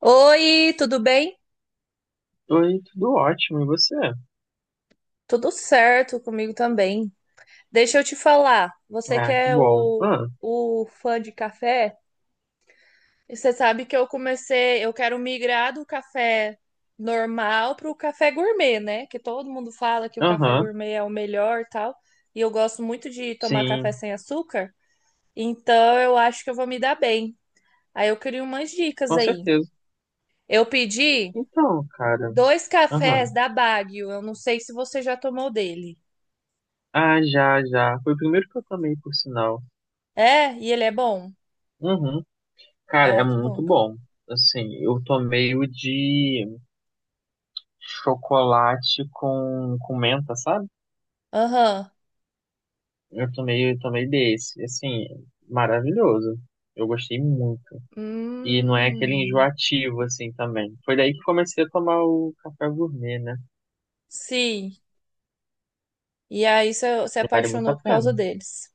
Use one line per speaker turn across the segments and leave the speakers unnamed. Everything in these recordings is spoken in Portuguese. Oi, tudo bem?
Oi, tudo ótimo, e você?
Tudo certo comigo também. Deixa eu te falar, você que
Ah, que
é
bom.
o,
Ah,
o fã de café, você sabe que eu comecei, eu quero migrar do café normal para o café gourmet, né? Que todo mundo fala que o café
aham,
gourmet é o melhor e tal, e eu gosto muito de tomar café
sim,
sem açúcar, então eu acho que eu vou me dar bem. Aí eu queria umas dicas
com
aí.
certeza.
Eu pedi
Então, cara,
dois
aham.
cafés da Baguio, eu não sei se você já tomou dele.
Ah, já, já. Foi o primeiro que eu tomei, por sinal.
É, e ele é bom.
Uhum. Cara, é
Ah, que bom.
muito
que-
bom. Assim, eu tomei o de chocolate com menta, sabe?
Aham.
Eu tomei desse. Assim, maravilhoso. Eu gostei muito. E não é aquele
Hum.
enjoativo, assim, também. Foi daí que comecei a tomar o café gourmet, né?
Sim. E aí você se
Vale muito
apaixonou
a
por causa
pena.
deles.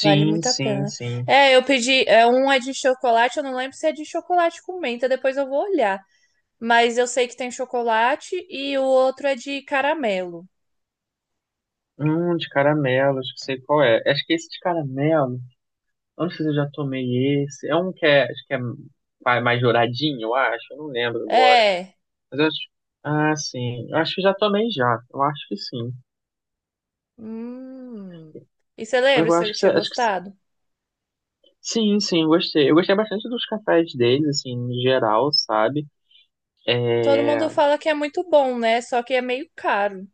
Vale muito a
sim,
pena.
sim.
É, eu pedi. É, um é de chocolate, eu não lembro se é de chocolate com menta, depois eu vou olhar. Mas eu sei que tem chocolate e o outro é de caramelo.
De caramelo, acho que sei qual é. Acho que esse de caramelo, eu não sei se eu já tomei esse. É um que é, acho que é mais douradinho, eu acho. Eu não lembro agora.
É.
Mas eu acho. Ah, sim. Eu acho que já tomei já. Eu acho que sim.
Hum. E você lembra
Eu
se eu tinha
acho que se-
gostado?
sim, sim, eu gostei. Eu gostei bastante dos cafés deles, assim, em geral, sabe?
Todo
É,
mundo fala que é muito bom, né? Só que é meio caro.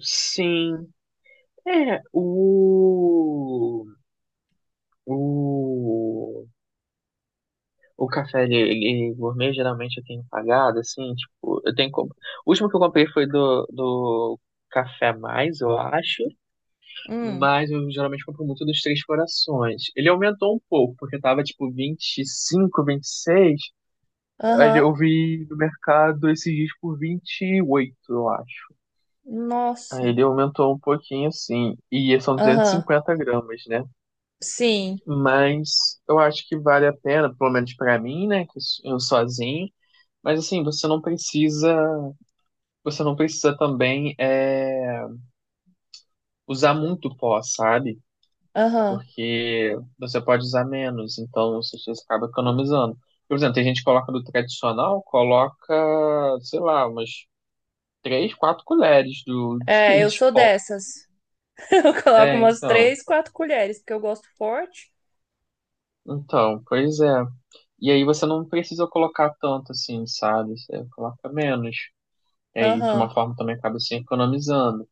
sim. É, o. O. O café gourmet geralmente eu tenho pagado, assim, tipo, eu tenho como. O último que eu comprei foi do Café Mais, eu acho,
Hum.
mas eu geralmente compro muito dos Três Corações. Ele aumentou um pouco, porque tava tipo 20 25 26 aí
Aham.
eu vi no mercado esses dias por 28 eu acho. Aí
Nossa.
ele aumentou um pouquinho, assim, e são duzentos e
Aham.
cinquenta gramas, né?
Sim,
Mas eu acho que vale a pena, pelo menos pra mim, né, que eu sozinho. Mas assim, você não precisa também usar muito pó, sabe?
aham.
Porque você pode usar menos, então você acaba economizando. Por exemplo, tem gente que coloca do tradicional, coloca, sei lá, umas três, quatro colheres
É, eu
de
sou
pó.
dessas. Eu coloco
É,
umas
então.
3, 4 colheres, porque eu gosto forte.
Então, pois é. E aí você não precisa colocar tanto assim, sabe? Você coloca menos. E aí, de uma
Aham,
forma, também acaba se economizando.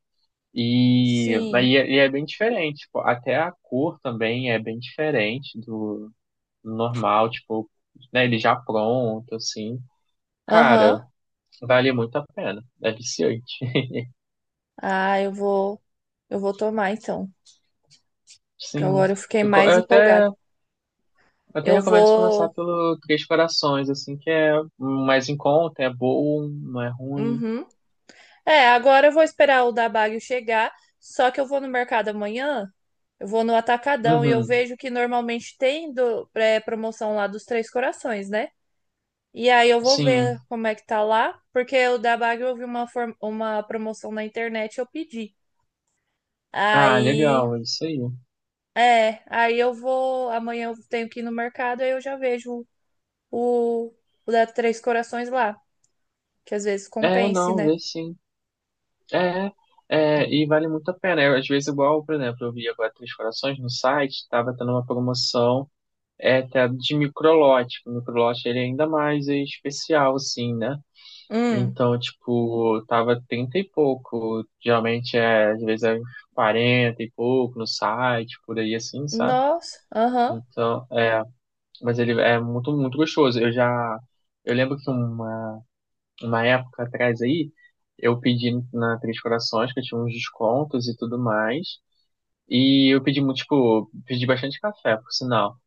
E, aí
Sim,
é, e é bem diferente, tipo, até a cor também é bem diferente do normal, tipo, né, ele já pronto, assim. Cara,
aham.
vale muito a pena, é viciante.
Ah, eu vou tomar então, que
Sim,
agora eu fiquei
eu, co-
mais
eu até,
empolgada.
até
Eu
recomendo você começar
vou,
pelo Três Corações, assim, que é um mais em conta, é bom, não é ruim.
uhum. É, agora eu vou esperar o da Bagio chegar, só que eu vou no mercado amanhã, eu vou no Atacadão e eu
Uhum,
vejo que normalmente tem promoção lá dos Três Corações, né? E aí eu vou
sim.
ver como é que tá lá, porque o da Bagre eu vi uma promoção na internet e eu pedi.
Ah,
Aí,
legal, é isso aí.
Aí eu vou, amanhã eu tenho que ir no mercado, aí eu já vejo o, o da Três Corações lá, que às vezes
É,
compense,
não,
né?
vê sim. É, é, e vale muito a pena. Eu, às vezes, igual, por exemplo, eu vi agora Três Corações no site, estava tendo uma promoção até de microlote. O microlote ele é ainda mais especial, assim, né?
Hum,
Então, tipo, tava 30 e pouco. Geralmente às vezes é 40 e pouco no site, por aí assim, sabe?
nossa, aham,
Então, mas ele é muito, muito gostoso. Eu lembro que uma época atrás aí, eu pedi na Três Corações, que eu tinha uns descontos e tudo mais. E eu pedi muito, tipo, pedi bastante café, por sinal.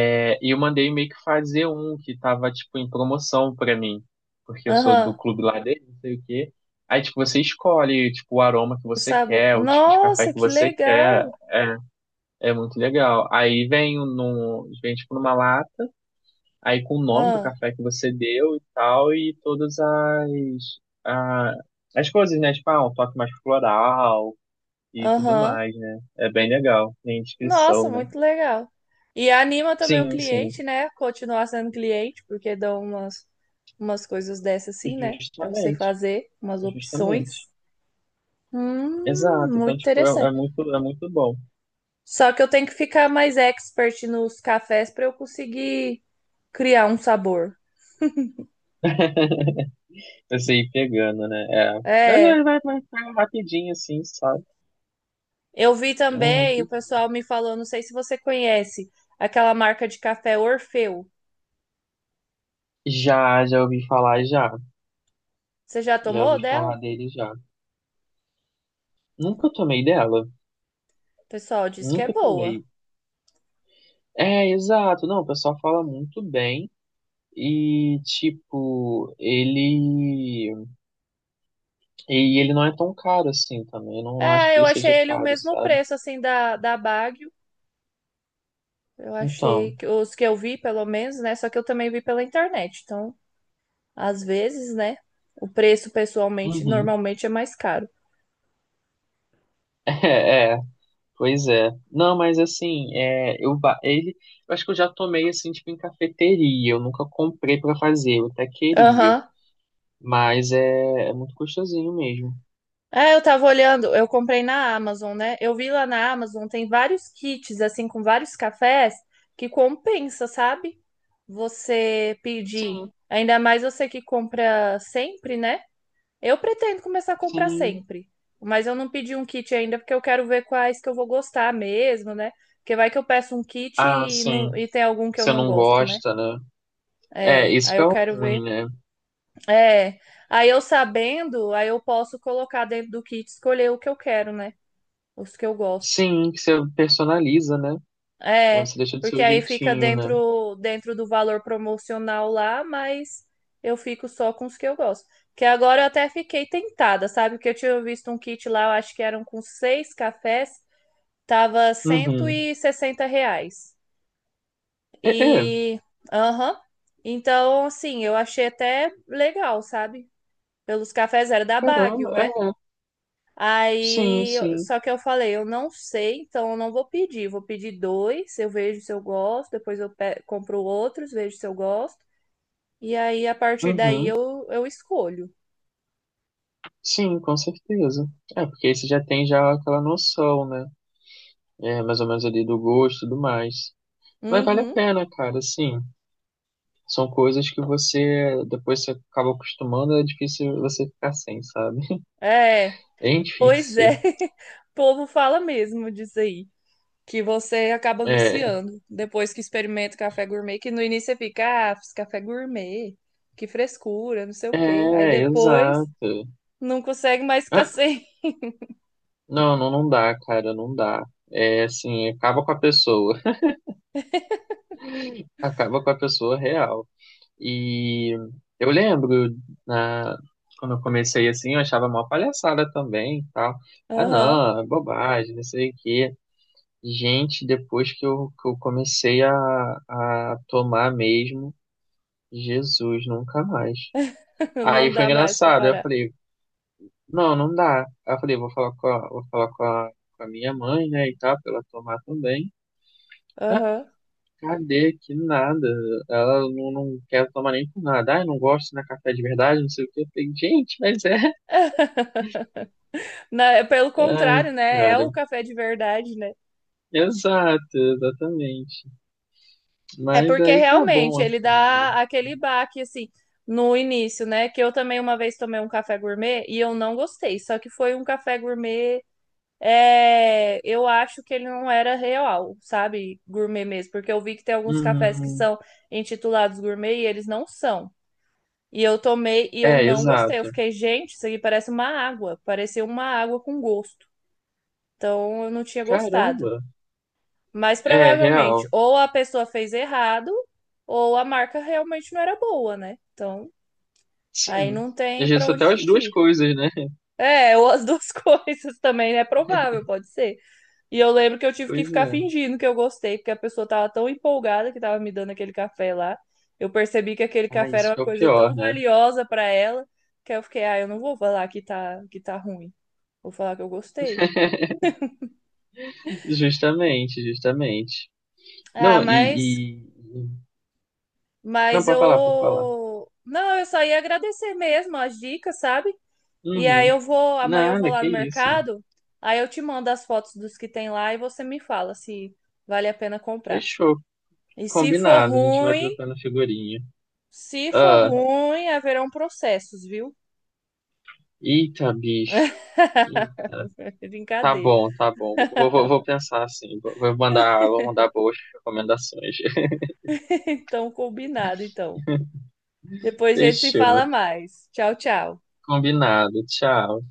É, e eu mandei meio que fazer um que tava, tipo, em promoção pra mim. Porque eu sou do
aham,
clube lá dele, não sei o quê. Aí, tipo, você escolhe, tipo, o aroma que
o
você
sabor.
quer, o tipo de café
Nossa,
que
que
você quer.
legal!
É, é muito legal. Aí vem tipo, numa lata aí com o nome do
Ah,
café que você deu e tal, e todas a- as coisas, né? Tipo, ah, um toque mais floral e tudo
Aham,
mais, né? É bem legal. Tem
Nossa,
inscrição, né?
muito legal. E anima também o
Sim, sim.
cliente, né? Continuar sendo cliente, porque dão umas, umas coisas dessas assim, né? Pra você
Justamente.
fazer, umas
Justamente.
opções.
Exato.
Muito
Então, tipo, é
interessante.
muito, é muito bom.
Só que eu tenho que ficar mais expert nos cafés para eu conseguir criar um sabor.
Você ir pegando, né? É. Mas é,
É,
vai, vai, vai rapidinho, assim, sabe?
eu vi
É
também, o
rapidinho.
pessoal me falou, não sei se você conhece, aquela marca de café Orfeu.
Já, já ouvi falar já.
Você já
Já
tomou
ouvi
dela?
falar dele já. Nunca tomei dela.
O pessoal diz que é
Nunca
boa.
tomei. É, exato. Não, o pessoal fala muito bem. E, tipo, ele. E ele não é tão caro assim também. Eu não acho
É,
que
eu
ele
achei
seja
ele o
caro,
mesmo
sabe?
preço, assim, da Baggio. Eu achei
Então.
que os que eu vi, pelo menos, né? Só que eu também vi pela internet. Então, às vezes, né? O preço, pessoalmente,
Uhum.
normalmente é mais caro.
É, pois é. Não, mas assim, eu acho que eu já tomei assim, tipo, em cafeteria. Eu nunca comprei pra fazer, eu até queria.
Aham.
Mas é muito gostosinho mesmo.
É, eu tava olhando, eu comprei na Amazon, né? Eu vi lá na Amazon, tem vários kits, assim, com vários cafés que compensa, sabe? Você pedir.
Sim,
Ainda mais você que compra sempre, né? Eu pretendo começar a comprar
sim.
sempre, mas eu não pedi um kit ainda porque eu quero ver quais que eu vou gostar mesmo, né? Porque vai que eu peço um kit
Ah,
e, não,
sim.
e tem algum que eu
Você
não
não
gosto, né?
gosta, né? É,
É,
isso
aí
que é
eu
o
quero
ruim,
ver.
né?
É, aí eu sabendo, aí eu posso colocar dentro do kit, e escolher o que eu quero, né? Os que eu gosto.
Sim, que você personaliza, né? Aí
É,
você deixa do
porque
seu
aí fica
jeitinho, né?
dentro do valor promocional lá, mas eu fico só com os que eu gosto. Que agora eu até fiquei tentada, sabe? Porque eu tinha visto um kit lá, eu acho que eram com seis cafés, tava cento
Uhum.
e sessenta reais.
É, é,
E, aham. Então, assim, eu achei até legal, sabe? Pelos cafés era da Baguio,
caramba.
né?
Sim, sim.
Só que eu falei, eu não sei, então eu não vou pedir. Vou pedir dois, eu vejo se eu gosto, depois compro outros, vejo se eu gosto. E aí, a partir daí,
Uhum.
eu escolho.
Sim, com certeza. É, porque aí você já tem já aquela noção, né? É, mais ou menos ali do gosto e tudo mais. Mas vale a
Uhum.
pena, cara, sim. São coisas que você, depois você acaba acostumando, é difícil você ficar sem, sabe?
É,
É
pois
difícil.
é. O povo fala mesmo disso aí, que você acaba
É,
viciando depois que experimenta o café gourmet, que no início você fica, ah, fiz café gourmet, que frescura, não sei o quê. Aí
é,
depois
exato.
não consegue mais ficar
Ah,
sem.
Não, não, não dá, cara, não dá. É assim, acaba com a pessoa, acaba com a pessoa real. E eu lembro na quando eu comecei assim, eu achava mó palhaçada também, e tal. Ah,
Aham,
não, é bobagem, não sei o quê. Gente, depois que eu comecei a tomar mesmo, Jesus, nunca mais. Aí
Não
foi
dá mais pra
engraçado, eu
parar.
falei, não, não dá. Aí eu falei, vou falar com a, vou falar com a minha mãe, né, e tal, pra ela tomar também.
Aham.
Cadê? Que nada. Ela não, não quer tomar nem por nada. Ai, não gosto de café de verdade, não sei o quê. Eu falei, gente, mas é.
Pelo
Ai,
contrário, né? É o
cara.
café de verdade, né?
Exato, exatamente.
É
Mas
porque
aí tá bom,
realmente ele
assim, né?
dá aquele baque, assim, no início, né? Que eu também uma vez tomei um café gourmet e eu não gostei. Só que foi um café gourmet. É, eu acho que ele não era real, sabe? Gourmet mesmo. Porque eu vi que tem alguns cafés que
Hum,
são intitulados gourmet e eles não são. E eu tomei e eu
é,
não gostei. Eu
exato.
fiquei, gente, isso aqui parece uma água. Parecia uma água com gosto. Então eu não tinha gostado.
Caramba.
Mas
É,
provavelmente,
real.
ou a pessoa fez errado, ou a marca realmente não era boa, né? Então, aí
Sim.
não
Às
tem pra
vezes
onde
até as duas
fugir.
coisas, né?
É, ou as duas coisas também é provável, pode ser. E eu lembro que eu tive que
Pois
ficar
é.
fingindo que eu gostei, porque a pessoa tava tão empolgada que tava me dando aquele café lá. Eu percebi que aquele
Ah,
café era
isso
uma
que é o
coisa
pior,
tão
né?
valiosa pra ela, que eu fiquei, ah, eu não vou falar que tá ruim. Vou falar que eu gostei.
Justamente, justamente.
Ah,
Não, e, e- Não,
mas
pode falar, pode falar.
eu. Não, eu só ia agradecer mesmo as dicas, sabe? E aí
Uhum.
eu vou. Amanhã eu vou
Nada,
lá
que
no
isso.
mercado. Aí eu te mando as fotos dos que tem lá e você me fala se vale a pena comprar.
Fechou.
E se for
Combinado. A gente vai
ruim,
trocando figurinha.
se for
Ah,
ruim, haverão processos, viu?
eita, bicho. Eita. Tá
Brincadeira.
bom, tá bom. Vou pensar assim. Vou mandar boas recomendações.
Então, combinado, então. Depois a gente se
Fechou.
fala mais. Tchau, tchau.
Combinado. Tchau.